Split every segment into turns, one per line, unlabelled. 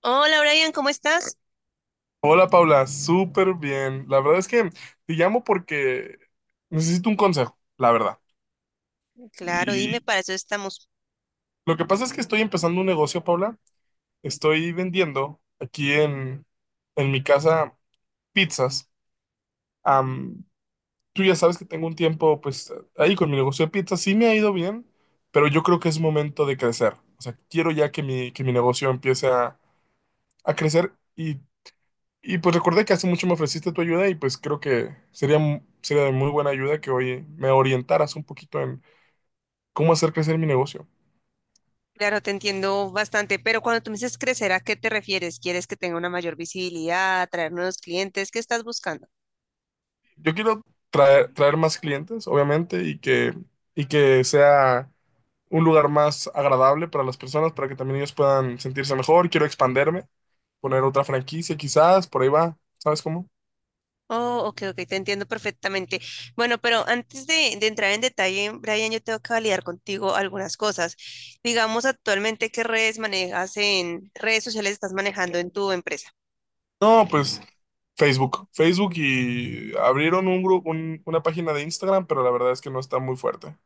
Hola Brian, ¿cómo estás?
Hola Paula, súper bien. La verdad es que te llamo porque necesito un consejo, la verdad.
Claro, dime,
Y
para eso estamos.
lo que pasa es que estoy empezando un negocio, Paula. Estoy vendiendo aquí en mi casa pizzas. Am, Tú ya sabes que tengo un tiempo pues ahí con mi negocio de pizzas. Sí me ha ido bien, pero yo creo que es momento de crecer. O sea, quiero ya que mi negocio empiece a crecer. Y pues recordé que hace mucho me ofreciste tu ayuda y pues creo que sería de muy buena ayuda que hoy me orientaras un poquito en cómo hacer crecer mi negocio.
Claro, te entiendo bastante, pero cuando tú me dices crecer, ¿a qué te refieres? ¿Quieres que tenga una mayor visibilidad, atraer nuevos clientes? ¿Qué estás buscando?
Yo quiero traer más clientes, obviamente, y que sea un lugar más agradable para las personas, para que también ellos puedan sentirse mejor. Quiero expanderme, poner otra franquicia quizás, por ahí va, ¿sabes cómo?
Oh, ok, ok, te entiendo perfectamente. Bueno, pero antes de entrar en detalle, Brian, yo tengo que validar contigo algunas cosas. Digamos, actualmente, ¿qué redes manejas en redes sociales estás manejando en tu empresa?
No, pues Facebook. Facebook y abrieron un grupo, una página de Instagram, pero la verdad es que no está muy fuerte.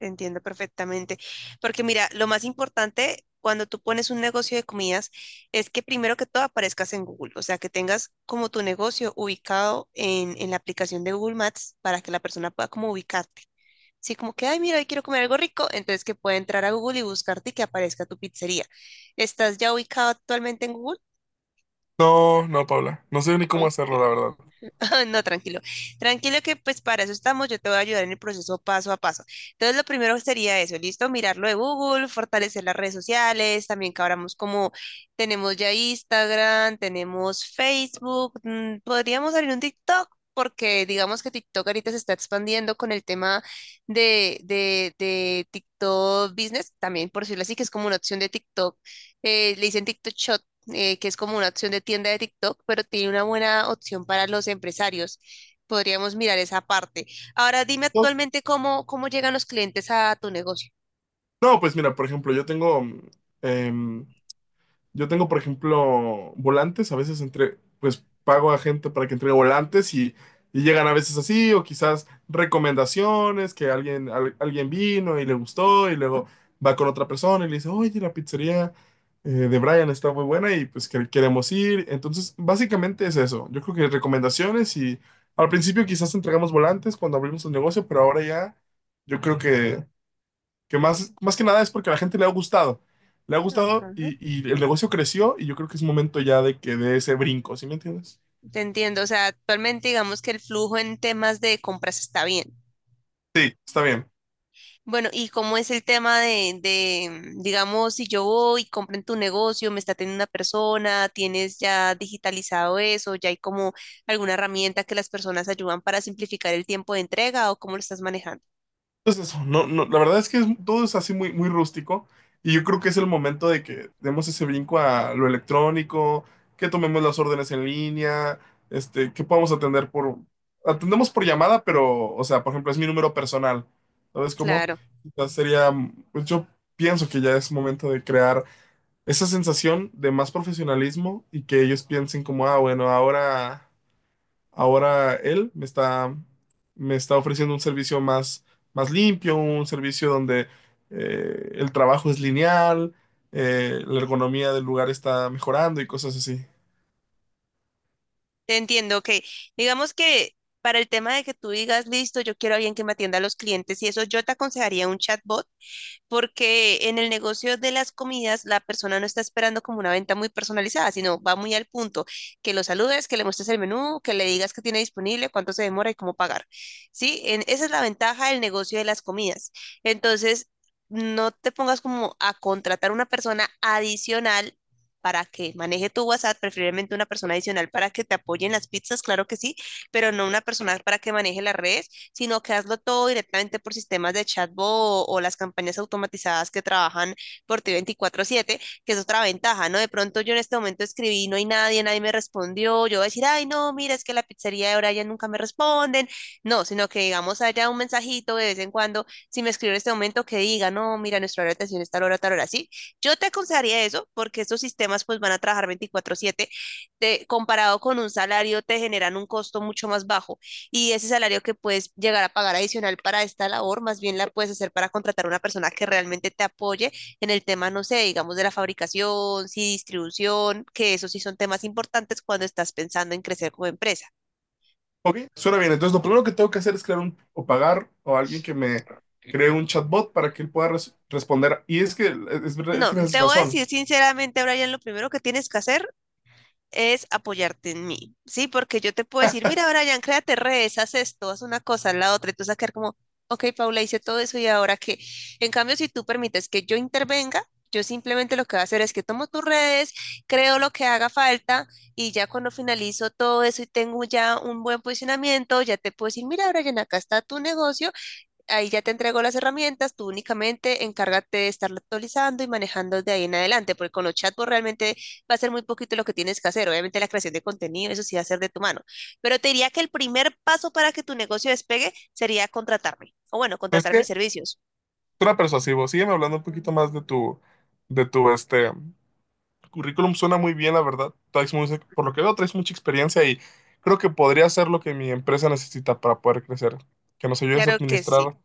Entiendo perfectamente. Porque mira, lo más importante cuando tú pones un negocio de comidas es que primero que todo aparezcas en Google, o sea, que tengas como tu negocio ubicado en la aplicación de Google Maps para que la persona pueda como ubicarte. Sí, como que, ay, mira, hoy quiero comer algo rico, entonces que pueda entrar a Google y buscarte y que aparezca tu pizzería. ¿Estás ya ubicado actualmente en Google?
No, no, Paula. No sé ni cómo hacerlo, la verdad.
No, tranquilo. Tranquilo que pues para eso estamos, yo te voy a ayudar en el proceso paso a paso. Entonces, lo primero sería eso, ¿listo? Mirar lo de Google, fortalecer las redes sociales, también que abramos como tenemos ya Instagram, tenemos Facebook, podríamos abrir un TikTok porque digamos que TikTok ahorita se está expandiendo con el tema de TikTok Business, también por decirlo así, que es como una opción de TikTok, le dicen TikTok Shot que es como una opción de tienda de TikTok, pero tiene una buena opción para los empresarios. Podríamos mirar esa parte. Ahora dime
No,
actualmente cómo llegan los clientes a tu negocio.
no, pues mira, por ejemplo, em, Yo tengo, por ejemplo, volantes, a veces entre, pues pago a gente para que entregue volantes y llegan a veces así, o quizás recomendaciones, que alguien, alguien vino y le gustó, y luego va con otra persona y le dice, oye, la pizzería de Brian está muy buena y pues queremos ir. Entonces, básicamente es eso. Yo creo que recomendaciones y al principio quizás entregamos volantes cuando abrimos el negocio, pero ahora ya yo creo que que más que nada es porque a la gente le ha gustado. Le ha gustado
Ajá.
y el negocio creció y yo creo que es momento ya de que dé ese brinco, ¿sí me entiendes?
Te entiendo, o sea, actualmente digamos que el flujo en temas de compras está bien.
Sí, está bien.
Bueno, ¿y cómo es el tema de, digamos, si yo voy y compro en tu negocio, me está teniendo una persona, tienes ya digitalizado eso, ya hay como alguna herramienta que las personas ayudan para simplificar el tiempo de entrega o cómo lo estás manejando?
Entonces eso, no, no, la verdad es que todo es así muy rústico y yo creo que es el momento de que demos ese brinco a lo electrónico, que tomemos las órdenes en línea, este, que podamos atendemos por llamada, pero, o sea, por ejemplo, es mi número personal, ¿sabes cómo?
Claro.
Quizás sería, pues yo pienso que ya es momento de crear esa sensación de más profesionalismo y que ellos piensen como, ah, bueno, ahora él me está ofreciendo un servicio más limpio, un servicio donde el trabajo es lineal, la ergonomía del lugar está mejorando y cosas así.
Te entiendo, ok. Digamos que para el tema de que tú digas, listo, yo quiero a alguien que me atienda a los clientes y eso, yo te aconsejaría un chatbot porque en el negocio de las comidas la persona no está esperando como una venta muy personalizada, sino va muy al punto, que lo saludes, que le muestres el menú, que le digas qué tiene disponible, cuánto se demora y cómo pagar. ¿Sí? En, esa es la ventaja del negocio de las comidas. Entonces, no te pongas como a contratar una persona adicional para que maneje tu WhatsApp, preferiblemente una persona adicional para que te apoye en las pizzas, claro que sí, pero no una persona para que maneje las redes sino que hazlo todo directamente por sistemas de chatbot o las campañas automatizadas que trabajan por ti 24/7, que es otra ventaja, ¿no? De pronto yo en este momento escribí, no hay nadie, nadie me respondió, yo voy a decir, ay, no, mira, es que la pizzería de Brian nunca me responden, no, sino que digamos haya un mensajito de vez en cuando, si me escribo en este momento que diga, no, mira, nuestra hora de atención es tal hora, sí, yo te aconsejaría eso porque estos sistemas pues van a trabajar 24/7, te, comparado con un salario te generan un costo mucho más bajo y ese salario que puedes llegar a pagar adicional para esta labor, más bien la puedes hacer para contratar a una persona que realmente te apoye en el tema, no sé, digamos, de la fabricación, sí, distribución, que eso sí son temas importantes cuando estás pensando en crecer como empresa.
Ok, suena bien. Entonces, lo primero que tengo que hacer es crear un, o pagar o alguien que me cree un chatbot para que él pueda responder. Y es que es verdad,
No,
tienes
te voy a
razón.
decir sinceramente, Brian, lo primero que tienes que hacer es apoyarte en mí, ¿sí? Porque yo te puedo decir, mira, Brian, créate redes, haz esto, haz una cosa, la otra, y tú vas a quedar como, ok, Paula, hice todo eso y ahora qué. En cambio, si tú permites que yo intervenga, yo simplemente lo que voy a hacer es que tomo tus redes, creo lo que haga falta y ya cuando finalizo todo eso y tengo ya un buen posicionamiento, ya te puedo decir, mira, Brian, acá está tu negocio. Ahí ya te entrego las herramientas, tú únicamente encárgate de estarlo actualizando y manejando de ahí en adelante, porque con los chatbots realmente va a ser muy poquito lo que tienes que hacer. Obviamente la creación de contenido, eso sí va a ser de tu mano. Pero te diría que el primer paso para que tu negocio despegue sería contratarme, o bueno,
¿Sabes
contratar
qué?
mis servicios.
Suena persuasivo. Sígueme hablando un poquito más de tu este currículum. Suena muy bien, la verdad. Por lo que veo, traes mucha experiencia y creo que podría ser lo que mi empresa necesita para poder crecer. Que nos ayudes a
Claro que sí.
administrar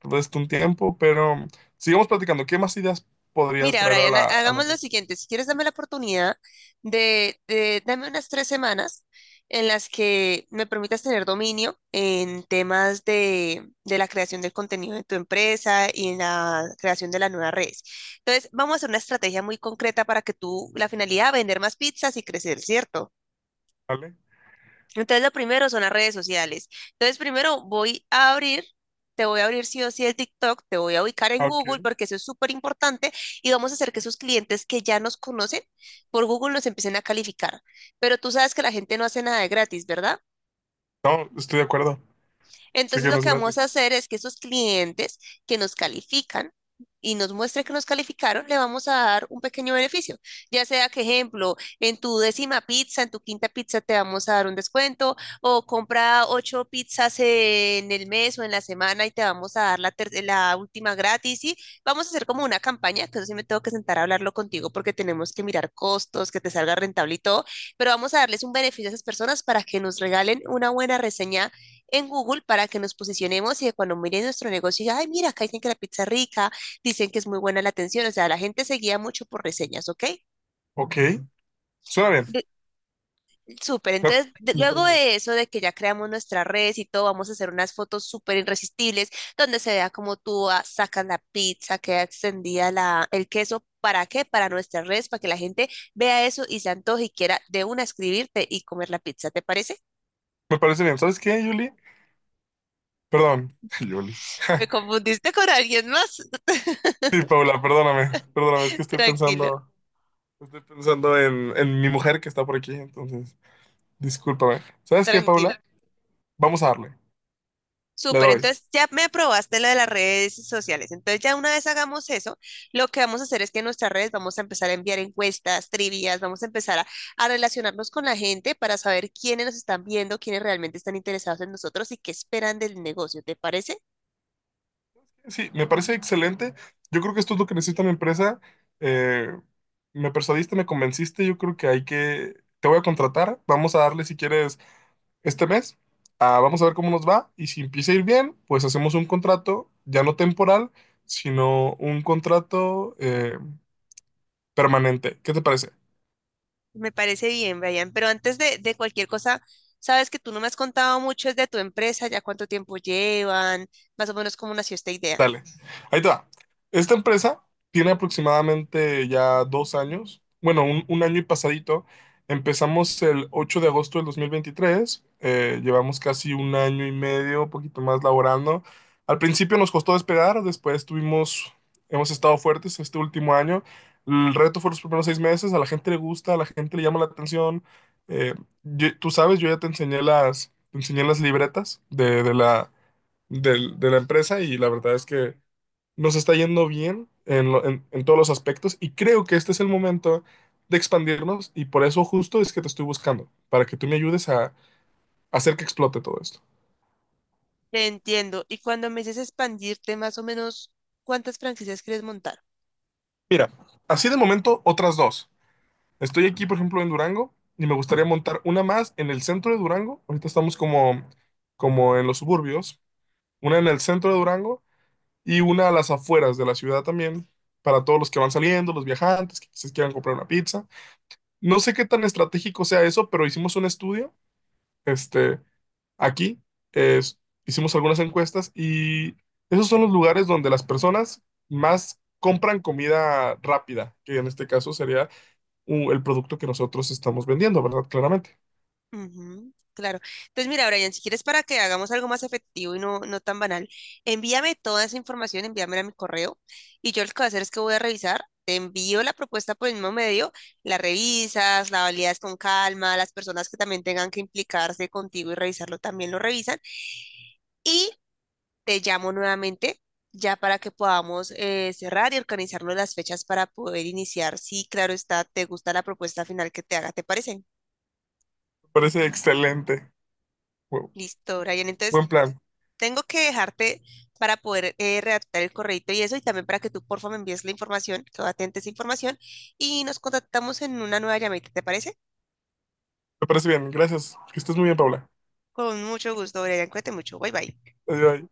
todo esto un tiempo, pero sigamos platicando. ¿Qué más ideas podrías
Mira,
traer a
Brian,
la
hagamos lo
empresa?
siguiente. Si quieres, dame la oportunidad dame unas tres semanas en las que me permitas tener dominio en temas de la creación del contenido de tu empresa y en la creación de las nuevas redes. Entonces, vamos a hacer una estrategia muy concreta para que tú, la finalidad, vender más pizzas y crecer, ¿cierto?
¿Vale?
Entonces, lo primero son las redes sociales. Entonces, primero voy a abrir, te voy a abrir sí o sí el TikTok, te voy a ubicar en
Ah,
Google
ok.
porque eso es súper importante y vamos a hacer que esos clientes que ya nos conocen por Google nos empiecen a calificar. Pero tú sabes que la gente no hace nada de gratis, ¿verdad?
No, estoy de acuerdo. Sé
Entonces
que
lo
no es
que vamos a
gratis.
hacer es que esos clientes que nos califican y nos muestre que nos calificaron, le vamos a dar un pequeño beneficio. Ya sea que, ejemplo, en tu décima pizza, en tu quinta pizza te vamos a dar un descuento o compra ocho pizzas en el mes o en la semana y te vamos a dar la, la última gratis y vamos a hacer como una campaña, que eso sí me tengo que sentar a hablarlo contigo porque tenemos que mirar costos, que te salga rentable y todo, pero vamos a darles un beneficio a esas personas para que nos regalen una buena reseña en Google para que nos posicionemos y que cuando miren nuestro negocio digan, ay, mira, acá dicen que la pizza es rica, dicen que es muy buena la atención, o sea, la gente se guía mucho por reseñas, ¿ok?
Ok. Suena bien.
De- Súper,
Me,
entonces
me
luego
parece bien.
de eso, de que ya creamos nuestra red y todo, vamos a hacer unas fotos súper irresistibles donde se vea cómo tú sacas la pizza, queda extendida la, el queso. ¿Para qué? Para nuestras redes, para que la gente vea eso y se antoje y quiera de una escribirte y comer la pizza, ¿te parece?
Me parece bien. ¿Sabes qué, Julie? Perdón, Julie.
Me confundiste con alguien más.
Sí, Paula, perdóname, es que
Tranquilo,
estoy pensando en mi mujer que está por aquí, entonces, discúlpame. ¿Sabes qué,
tranquilo.
Paula? Vamos a darle, le
Súper,
doy.
entonces ya me aprobaste lo de las redes sociales. Entonces ya una vez hagamos eso, lo que vamos a hacer es que en nuestras redes vamos a empezar a enviar encuestas, trivias, vamos a empezar a relacionarnos con la gente para saber quiénes nos están viendo, quiénes realmente están interesados en nosotros y qué esperan del negocio. ¿Te parece?
Sí, me parece excelente. Yo creo que esto es lo que necesita mi empresa. Eh, me persuadiste, me convenciste, yo creo que hay que, te voy a contratar, vamos a darle si quieres este mes, ah, vamos a ver cómo nos va y si empieza a ir bien, pues hacemos un contrato, ya no temporal, sino un contrato permanente. ¿Qué te parece?
Me parece bien, Brian. Pero antes de cualquier cosa, sabes que tú no me has contado mucho es de tu empresa, ya cuánto tiempo llevan, más o menos cómo nació esta idea.
Dale, ahí te va. Esta empresa tiene aproximadamente ya dos años, bueno, un año y pasadito. Empezamos el 8 de agosto del 2023, llevamos casi un año y medio, un poquito más laborando. Al principio nos costó despegar, después tuvimos, hemos estado fuertes este último año. El reto fue los primeros seis meses, a la gente le gusta, a la gente le llama la atención. Eh, Tú sabes, yo ya te enseñé te enseñé las libretas de de la empresa y la verdad es que nos está yendo bien en todos los aspectos y creo que este es el momento de expandirnos y por eso justo es que te estoy buscando, para que tú me ayudes a hacer que explote todo esto.
Te entiendo. Y cuando me dices expandirte, más o menos, ¿cuántas franquicias quieres montar?
Mira, así de momento otras dos. Estoy aquí, por ejemplo, en Durango y me gustaría montar una más en el centro de Durango. Ahorita estamos como, como en los suburbios, una en el centro de Durango y una a las afueras de la ciudad también, para todos los que van saliendo, los viajantes, que quizás quieran comprar una pizza. No sé qué tan estratégico sea eso, pero hicimos un estudio, este, aquí, es- hicimos algunas encuestas y esos son los lugares donde las personas más compran comida rápida, que en este caso sería el producto que nosotros estamos vendiendo, ¿verdad? Claramente.
Ujú, claro. Entonces, mira, Brian, si quieres para que hagamos algo más efectivo y no, no tan banal, envíame toda esa información, envíamela a mi correo y yo lo que voy a hacer es que voy a revisar, te envío la propuesta por el mismo medio, la revisas, la validas con calma, las personas que también tengan que implicarse contigo y revisarlo también lo revisan y te llamo nuevamente ya para que podamos cerrar y organizarnos las fechas para poder iniciar. Sí, claro está, te gusta la propuesta final que te haga, ¿te parece?
Me parece excelente. Bu-
Listo, Brian. Entonces,
Buen plan.
tengo que dejarte para poder redactar el correito y eso, y también para que tú, porfa, me envíes la información, que atentes esa información, y nos contactamos en una nueva llamadita, ¿te parece?
Me parece bien. Gracias. Que estés muy bien, Paula.
Con mucho gusto, Brian, cuídate mucho, bye bye.
Adiós.